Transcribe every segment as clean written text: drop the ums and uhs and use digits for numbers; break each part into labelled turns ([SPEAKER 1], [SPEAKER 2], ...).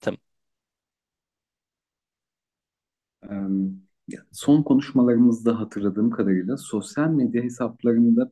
[SPEAKER 1] Tamam.
[SPEAKER 2] Em, Son konuşmalarımızda hatırladığım kadarıyla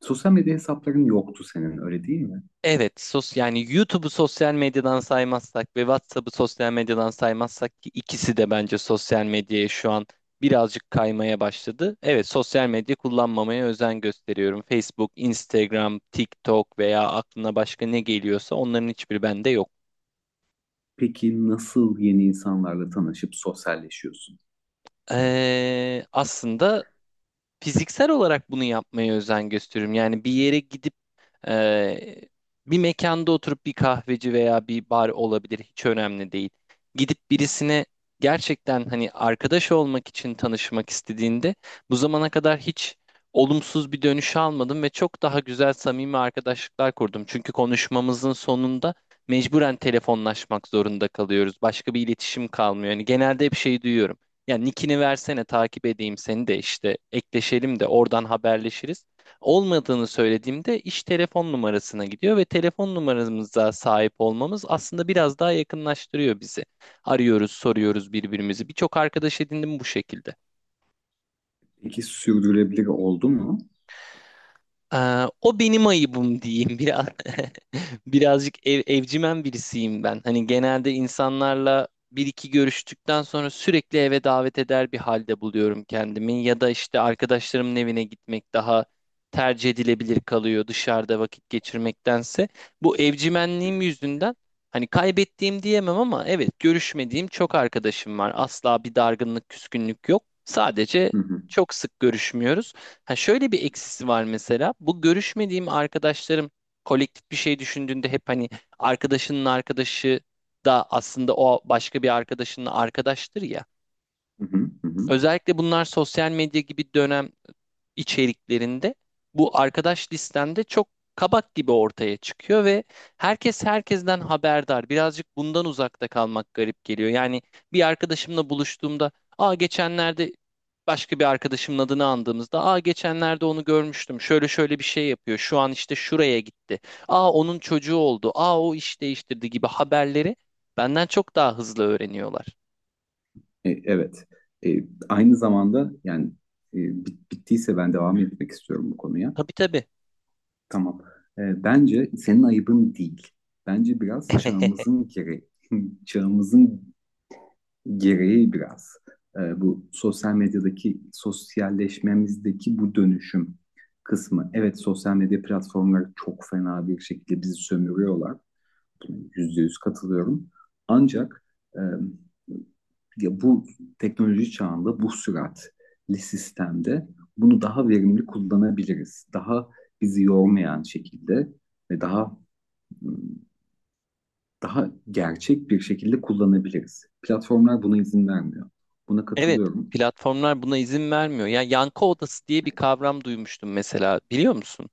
[SPEAKER 2] sosyal medya hesapların yoktu senin, öyle değil mi?
[SPEAKER 1] Evet, yani YouTube'u sosyal medyadan saymazsak ve WhatsApp'ı sosyal medyadan saymazsak ki ikisi de bence sosyal medyaya şu an birazcık kaymaya başladı. Evet, sosyal medya kullanmamaya özen gösteriyorum. Facebook, Instagram, TikTok veya aklına başka ne geliyorsa onların hiçbiri bende yok.
[SPEAKER 2] Peki nasıl yeni insanlarla tanışıp sosyalleşiyorsun?
[SPEAKER 1] Aslında fiziksel olarak bunu yapmaya özen gösteriyorum. Yani bir yere gidip, Ee, bir mekanda oturup, bir kahveci veya bir bar olabilir, hiç önemli değil. Gidip birisine gerçekten hani arkadaş olmak için tanışmak istediğinde, bu zamana kadar hiç olumsuz bir dönüş almadım ve çok daha güzel, samimi arkadaşlıklar kurdum. Çünkü konuşmamızın sonunda mecburen telefonlaşmak zorunda kalıyoruz. Başka bir iletişim kalmıyor. Yani genelde hep şey duyuyorum. Ya nickini versene, takip edeyim seni de, işte ekleşelim de oradan haberleşiriz. Olmadığını söylediğimde iş telefon numarasına gidiyor ve telefon numaramıza sahip olmamız aslında biraz daha yakınlaştırıyor bizi. Arıyoruz, soruyoruz birbirimizi. Birçok arkadaş edindim bu şekilde.
[SPEAKER 2] Peki sürdürülebilir oldu mu?
[SPEAKER 1] O benim ayıbım diyeyim biraz. Birazcık evcimen birisiyim ben. Hani genelde insanlarla bir iki görüştükten sonra sürekli eve davet eder bir halde buluyorum kendimi, ya da işte arkadaşlarımın evine gitmek daha tercih edilebilir kalıyor dışarıda vakit geçirmektense. Bu evcimenliğim yüzünden hani kaybettiğim diyemem ama evet, görüşmediğim çok arkadaşım var. Asla bir dargınlık, küskünlük yok. Sadece
[SPEAKER 2] Hı hı,
[SPEAKER 1] çok sık görüşmüyoruz. Ha, şöyle bir eksisi var mesela. Bu görüşmediğim arkadaşlarım kolektif bir şey düşündüğünde hep hani arkadaşının arkadaşı da aslında o başka bir arkadaşının arkadaştır ya.
[SPEAKER 2] hı hı, hı hı.
[SPEAKER 1] Özellikle bunlar sosyal medya gibi dönem içeriklerinde bu arkadaş listende çok kabak gibi ortaya çıkıyor ve herkes herkesten haberdar. Birazcık bundan uzakta kalmak garip geliyor. Yani bir arkadaşımla buluştuğumda, aa geçenlerde başka bir arkadaşımın adını andığımızda, aa geçenlerde onu görmüştüm, şöyle şöyle bir şey yapıyor, şu an işte şuraya gitti, aa onun çocuğu oldu, aa o iş değiştirdi gibi haberleri benden çok daha hızlı öğreniyorlar.
[SPEAKER 2] Evet. Aynı zamanda yani e, bittiyse ben devam etmek istiyorum bu konuya.
[SPEAKER 1] Tabii tabii.
[SPEAKER 2] Tamam. Bence senin ayıbın değil. Bence biraz çağımızın gereği, çağımızın gereği biraz bu sosyal medyadaki sosyalleşmemizdeki bu dönüşüm kısmı. Evet, sosyal medya platformları çok fena bir şekilde bizi sömürüyorlar, %100 katılıyorum. Ancak e, ya bu teknoloji çağında bu süratli sistemde bunu daha verimli kullanabiliriz. Daha bizi yormayan şekilde ve daha gerçek bir şekilde kullanabiliriz. Platformlar buna izin vermiyor. Buna
[SPEAKER 1] Evet,
[SPEAKER 2] katılıyorum.
[SPEAKER 1] platformlar buna izin vermiyor. Yani yankı odası diye bir kavram duymuştum mesela, biliyor musun?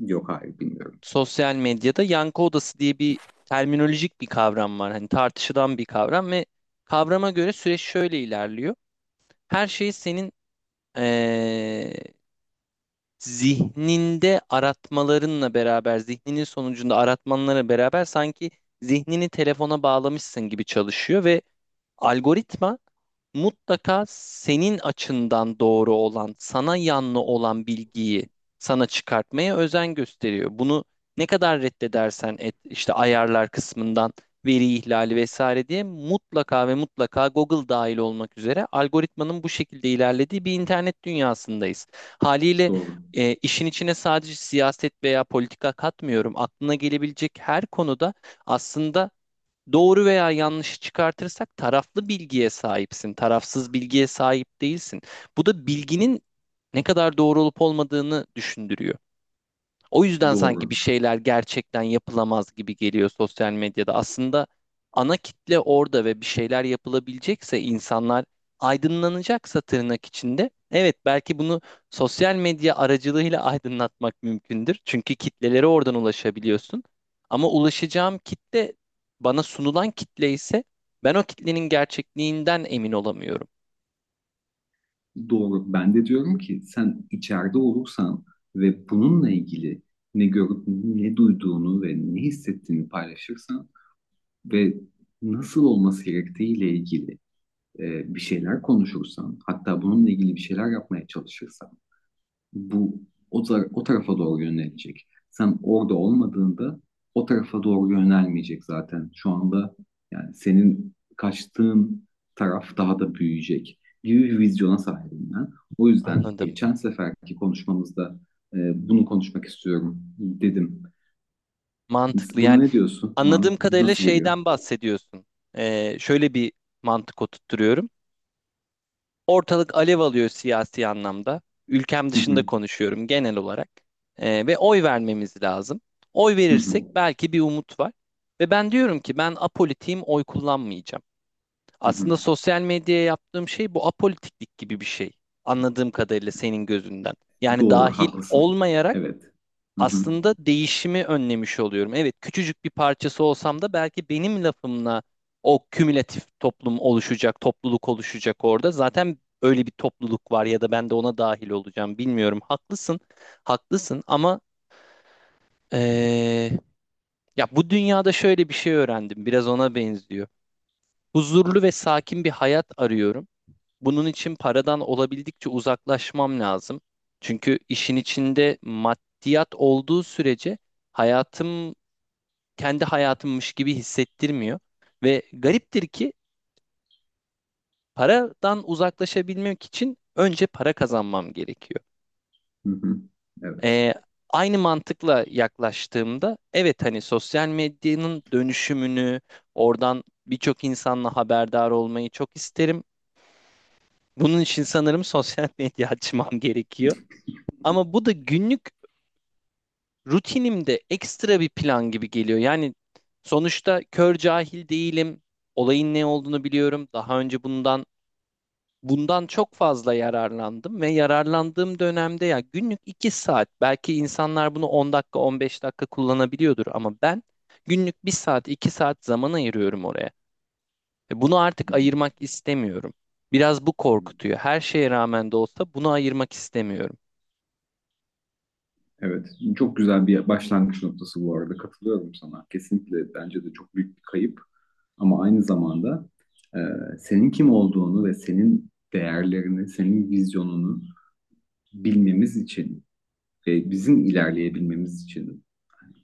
[SPEAKER 2] Yok, hayır, bilmiyorum.
[SPEAKER 1] Sosyal medyada yankı odası diye bir terminolojik bir kavram var. Hani tartışılan bir kavram ve kavrama göre süreç şöyle ilerliyor. Her şeyi senin eee, zihninde aratmalarınla beraber, zihninin sonucunda aratmanlara beraber sanki zihnini telefona bağlamışsın gibi çalışıyor ve algoritma mutlaka senin açından doğru olan, sana yanlı olan bilgiyi sana çıkartmaya özen gösteriyor. Bunu ne kadar reddedersen et, işte ayarlar kısmından veri ihlali vesaire diye, mutlaka ve mutlaka Google dahil olmak üzere algoritmanın bu şekilde ilerlediği bir internet dünyasındayız. Haliyle
[SPEAKER 2] Doğru.
[SPEAKER 1] işin içine sadece siyaset veya politika katmıyorum. Aklına gelebilecek her konuda aslında doğru veya yanlışı çıkartırsak taraflı bilgiye sahipsin, tarafsız bilgiye sahip değilsin. Bu da bilginin ne kadar doğru olup olmadığını düşündürüyor. O yüzden sanki bir
[SPEAKER 2] Doğru.
[SPEAKER 1] şeyler gerçekten yapılamaz gibi geliyor sosyal medyada. Aslında ana kitle orada ve bir şeyler yapılabilecekse, insanlar aydınlanacaksa tırnak içinde. Evet, belki bunu sosyal medya aracılığıyla aydınlatmak mümkündür. Çünkü kitlelere oradan ulaşabiliyorsun. Ama ulaşacağım kitle bana sunulan kitle ise ben o kitlenin gerçekliğinden emin olamıyorum.
[SPEAKER 2] Doğru. Ben de diyorum ki sen içeride olursan ve bununla ilgili ne görüp ne duyduğunu ve ne hissettiğini paylaşırsan ve nasıl olması gerektiğiyle ilgili bir şeyler konuşursan, hatta bununla ilgili bir şeyler yapmaya çalışırsan bu o tarafa doğru yönelecek. Sen orada olmadığında o tarafa doğru yönelmeyecek zaten. Şu anda yani senin kaçtığın taraf daha da büyüyecek gibi bir vizyona sahibim ben. O yüzden
[SPEAKER 1] Anladım.
[SPEAKER 2] geçen seferki konuşmamızda bunu konuşmak istiyorum dedim.
[SPEAKER 1] Mantıklı,
[SPEAKER 2] Buna
[SPEAKER 1] yani.
[SPEAKER 2] ne diyorsun?
[SPEAKER 1] Anladığım kadarıyla
[SPEAKER 2] Nasıl geliyor?
[SPEAKER 1] şeyden bahsediyorsun. Şöyle bir mantık oturtturuyorum. Ortalık alev alıyor siyasi anlamda. Ülkem
[SPEAKER 2] Hı
[SPEAKER 1] dışında
[SPEAKER 2] hı,
[SPEAKER 1] konuşuyorum genel olarak. Ve oy vermemiz lazım. Oy
[SPEAKER 2] hı
[SPEAKER 1] verirsek
[SPEAKER 2] hı,
[SPEAKER 1] belki bir umut var. Ve ben diyorum ki ben apolitiğim, oy kullanmayacağım.
[SPEAKER 2] hı hı.
[SPEAKER 1] Aslında sosyal medyaya yaptığım şey bu apolitiklik gibi bir şey. Anladığım kadarıyla senin gözünden. Yani
[SPEAKER 2] Doğru,
[SPEAKER 1] dahil
[SPEAKER 2] haklısın.
[SPEAKER 1] olmayarak
[SPEAKER 2] Evet. Hı hı,
[SPEAKER 1] aslında değişimi önlemiş oluyorum. Evet, küçücük bir parçası olsam da belki benim lafımla o kümülatif toplum oluşacak, topluluk oluşacak orada. Zaten öyle bir topluluk var ya da ben de ona dahil olacağım, bilmiyorum. Haklısın, haklısın ama eee, ya bu dünyada şöyle bir şey öğrendim. Biraz ona benziyor. Huzurlu ve sakin bir hayat arıyorum. Bunun için paradan olabildikçe uzaklaşmam lazım. Çünkü işin içinde maddiyat olduğu sürece hayatım kendi hayatımmış gibi hissettirmiyor. Ve gariptir ki paradan uzaklaşabilmek için önce para kazanmam gerekiyor.
[SPEAKER 2] hı hı. Evet.
[SPEAKER 1] Ee, aynı mantıkla yaklaştığımda evet, hani sosyal medyanın dönüşümünü oradan birçok insanla haberdar olmayı çok isterim. Bunun için sanırım sosyal medya açmam gerekiyor. Ama bu da günlük rutinimde ekstra bir plan gibi geliyor. Yani sonuçta kör cahil değilim. Olayın ne olduğunu biliyorum. Daha önce bundan çok fazla yararlandım ve yararlandığım dönemde, ya günlük 2 saat, belki insanlar bunu 10 dakika 15 dakika kullanabiliyordur ama ben günlük 1 saat 2 saat zaman ayırıyorum oraya. Bunu
[SPEAKER 2] Hı
[SPEAKER 1] artık
[SPEAKER 2] hı,
[SPEAKER 1] ayırmak istemiyorum. Biraz bu
[SPEAKER 2] hı hı.
[SPEAKER 1] korkutuyor. Her şeye rağmen de olsa bunu ayırmak istemiyorum
[SPEAKER 2] Evet, çok güzel bir başlangıç noktası bu arada. Katılıyorum sana. Kesinlikle bence de çok büyük bir kayıp. Ama aynı zamanda e, senin kim olduğunu ve senin değerlerini, senin vizyonunu bilmemiz için ve bizim ilerleyebilmemiz için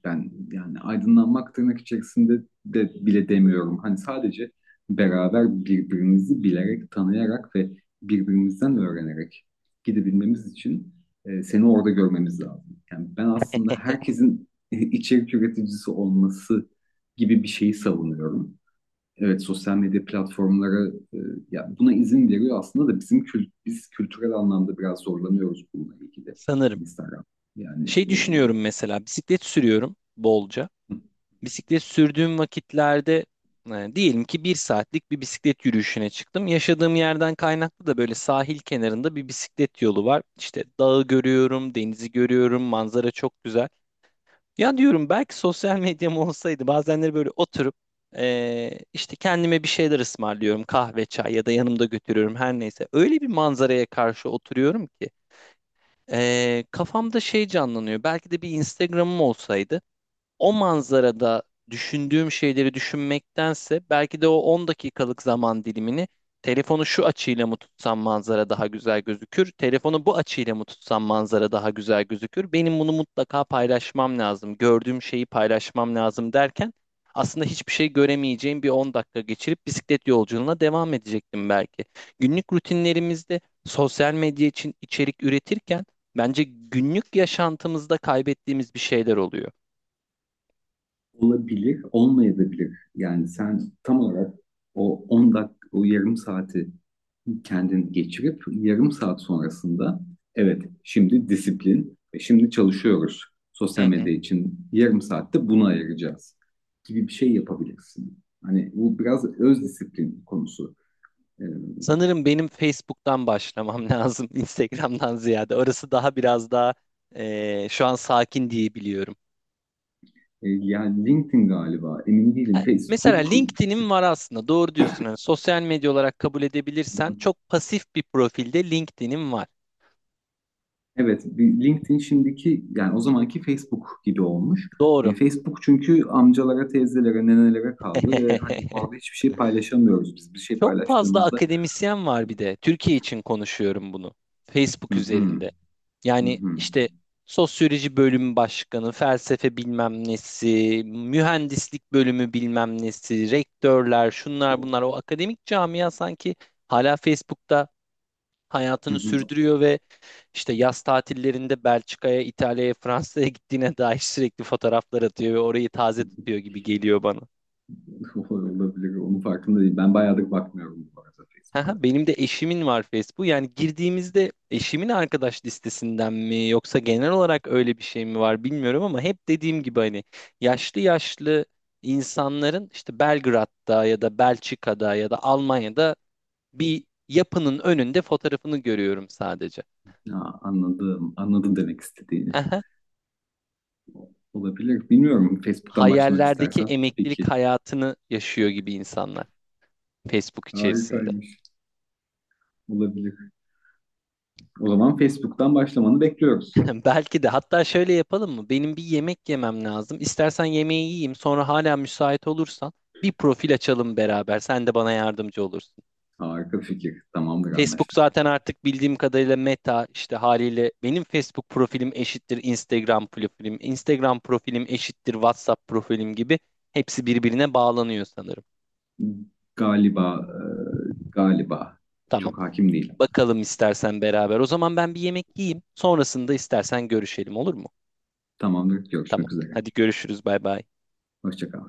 [SPEAKER 2] ben yani aydınlanmak tırnak içerisinde de bile demiyorum. Hani sadece beraber birbirimizi bilerek, tanıyarak ve birbirimizden öğrenerek gidebilmemiz için seni orada görmemiz lazım. Yani ben aslında herkesin içerik üreticisi olması gibi bir şeyi savunuyorum. Evet, sosyal medya platformları ya buna izin veriyor aslında da bizim kültürel anlamda biraz zorlanıyoruz bununla ilgili.
[SPEAKER 1] sanırım.
[SPEAKER 2] Instagram. Yani
[SPEAKER 1] Şey düşünüyorum, mesela bisiklet sürüyorum bolca. Bisiklet sürdüğüm vakitlerde, diyelim ki 1 saatlik bir bisiklet yürüyüşüne çıktım. Yaşadığım yerden kaynaklı da böyle sahil kenarında bir bisiklet yolu var. İşte dağı görüyorum, denizi görüyorum, manzara çok güzel. Ya diyorum belki sosyal medyam olsaydı, bazenleri böyle oturup, işte kendime bir şeyler ısmarlıyorum. Kahve, çay ya da yanımda götürüyorum, her neyse. Öyle bir manzaraya karşı oturuyorum ki, kafamda şey canlanıyor. Belki de bir Instagram'ım olsaydı o manzarada düşündüğüm şeyleri düşünmektense, belki de o 10 dakikalık zaman dilimini telefonu şu açıyla mı tutsam manzara daha güzel gözükür, telefonu bu açıyla mı tutsam manzara daha güzel gözükür, benim bunu mutlaka paylaşmam lazım, gördüğüm şeyi paylaşmam lazım derken aslında hiçbir şey göremeyeceğim bir 10 dakika geçirip bisiklet yolculuğuna devam edecektim belki. Günlük rutinlerimizde sosyal medya için içerik üretirken, bence günlük yaşantımızda kaybettiğimiz bir şeyler oluyor.
[SPEAKER 2] olabilir, olmayabilir. Yani sen tam olarak o 10 dakika, o yarım saati kendin geçirip yarım saat sonrasında evet şimdi disiplin, şimdi çalışıyoruz.
[SPEAKER 1] Hı
[SPEAKER 2] Sosyal
[SPEAKER 1] hı.
[SPEAKER 2] medya için yarım saatte bunu ayıracağız gibi bir şey yapabilirsin. Hani bu biraz öz disiplin konusu. Ee,
[SPEAKER 1] Sanırım benim Facebook'tan başlamam lazım, Instagram'dan ziyade. Orası daha biraz daha şu an sakin diye biliyorum.
[SPEAKER 2] Yani LinkedIn galiba, emin değilim.
[SPEAKER 1] Mesela
[SPEAKER 2] Facebook.
[SPEAKER 1] LinkedIn'in var aslında, doğru diyorsun. Hani sosyal medya olarak kabul edebilirsen çok pasif bir profilde LinkedIn'in var.
[SPEAKER 2] Evet, bir LinkedIn şimdiki yani o zamanki Facebook gibi olmuş.
[SPEAKER 1] Doğru.
[SPEAKER 2] Facebook çünkü amcalara, teyzelere, nenelere kaldı ve hani orada hiçbir şey paylaşamıyoruz biz. Bir şey
[SPEAKER 1] Çok fazla
[SPEAKER 2] paylaştığımızda
[SPEAKER 1] akademisyen var bir de. Türkiye için konuşuyorum bunu.
[SPEAKER 2] hı
[SPEAKER 1] Facebook
[SPEAKER 2] hı,
[SPEAKER 1] üzerinde.
[SPEAKER 2] hı
[SPEAKER 1] Yani
[SPEAKER 2] hı,
[SPEAKER 1] işte sosyoloji bölümü başkanı, felsefe bilmem nesi, mühendislik bölümü bilmem nesi, rektörler, şunlar bunlar. O akademik camia sanki hala Facebook'ta hayatını
[SPEAKER 2] hı
[SPEAKER 1] sürdürüyor ve. İşte yaz tatillerinde Belçika'ya, İtalya'ya, Fransa'ya gittiğine dair sürekli fotoğraflar atıyor ve orayı taze tutuyor gibi geliyor bana.
[SPEAKER 2] hı. Olabilir. Onun farkında değil. Ben bayağıdır bakmıyorum bu arada Facebook'a.
[SPEAKER 1] Haha, benim de eşimin var Facebook. Yani girdiğimizde eşimin arkadaş listesinden mi yoksa genel olarak öyle bir şey mi var bilmiyorum ama hep dediğim gibi hani yaşlı yaşlı insanların işte Belgrad'da ya da Belçika'da ya da Almanya'da bir yapının önünde fotoğrafını görüyorum sadece.
[SPEAKER 2] Ya, anladım. Anladım demek istediğini.
[SPEAKER 1] Aha,
[SPEAKER 2] Olabilir. Bilmiyorum. Facebook'tan başlamak
[SPEAKER 1] hayallerdeki
[SPEAKER 2] istersen tabii
[SPEAKER 1] emeklilik
[SPEAKER 2] ki.
[SPEAKER 1] hayatını yaşıyor gibi insanlar. Facebook içerisinde.
[SPEAKER 2] Harikaymış. Olabilir. O zaman Facebook'tan başlamanı bekliyoruz.
[SPEAKER 1] Belki de hatta şöyle yapalım mı? Benim bir yemek yemem lazım. İstersen yemeği yiyeyim, sonra hala müsait olursan bir profil açalım beraber. Sen de bana yardımcı olursun.
[SPEAKER 2] Harika fikir. Tamamdır,
[SPEAKER 1] Facebook
[SPEAKER 2] anlaştık.
[SPEAKER 1] zaten artık bildiğim kadarıyla Meta, işte haliyle benim Facebook profilim eşittir Instagram profilim, Instagram profilim eşittir WhatsApp profilim gibi hepsi birbirine bağlanıyor sanırım.
[SPEAKER 2] Galiba, galiba.
[SPEAKER 1] Tamam.
[SPEAKER 2] Çok hakim değilim.
[SPEAKER 1] Bakalım istersen beraber. O zaman ben bir yemek yiyeyim. Sonrasında istersen görüşelim, olur mu?
[SPEAKER 2] Tamamdır.
[SPEAKER 1] Tamam.
[SPEAKER 2] Görüşmek üzere.
[SPEAKER 1] Hadi görüşürüz. Bay bay.
[SPEAKER 2] Hoşça kal.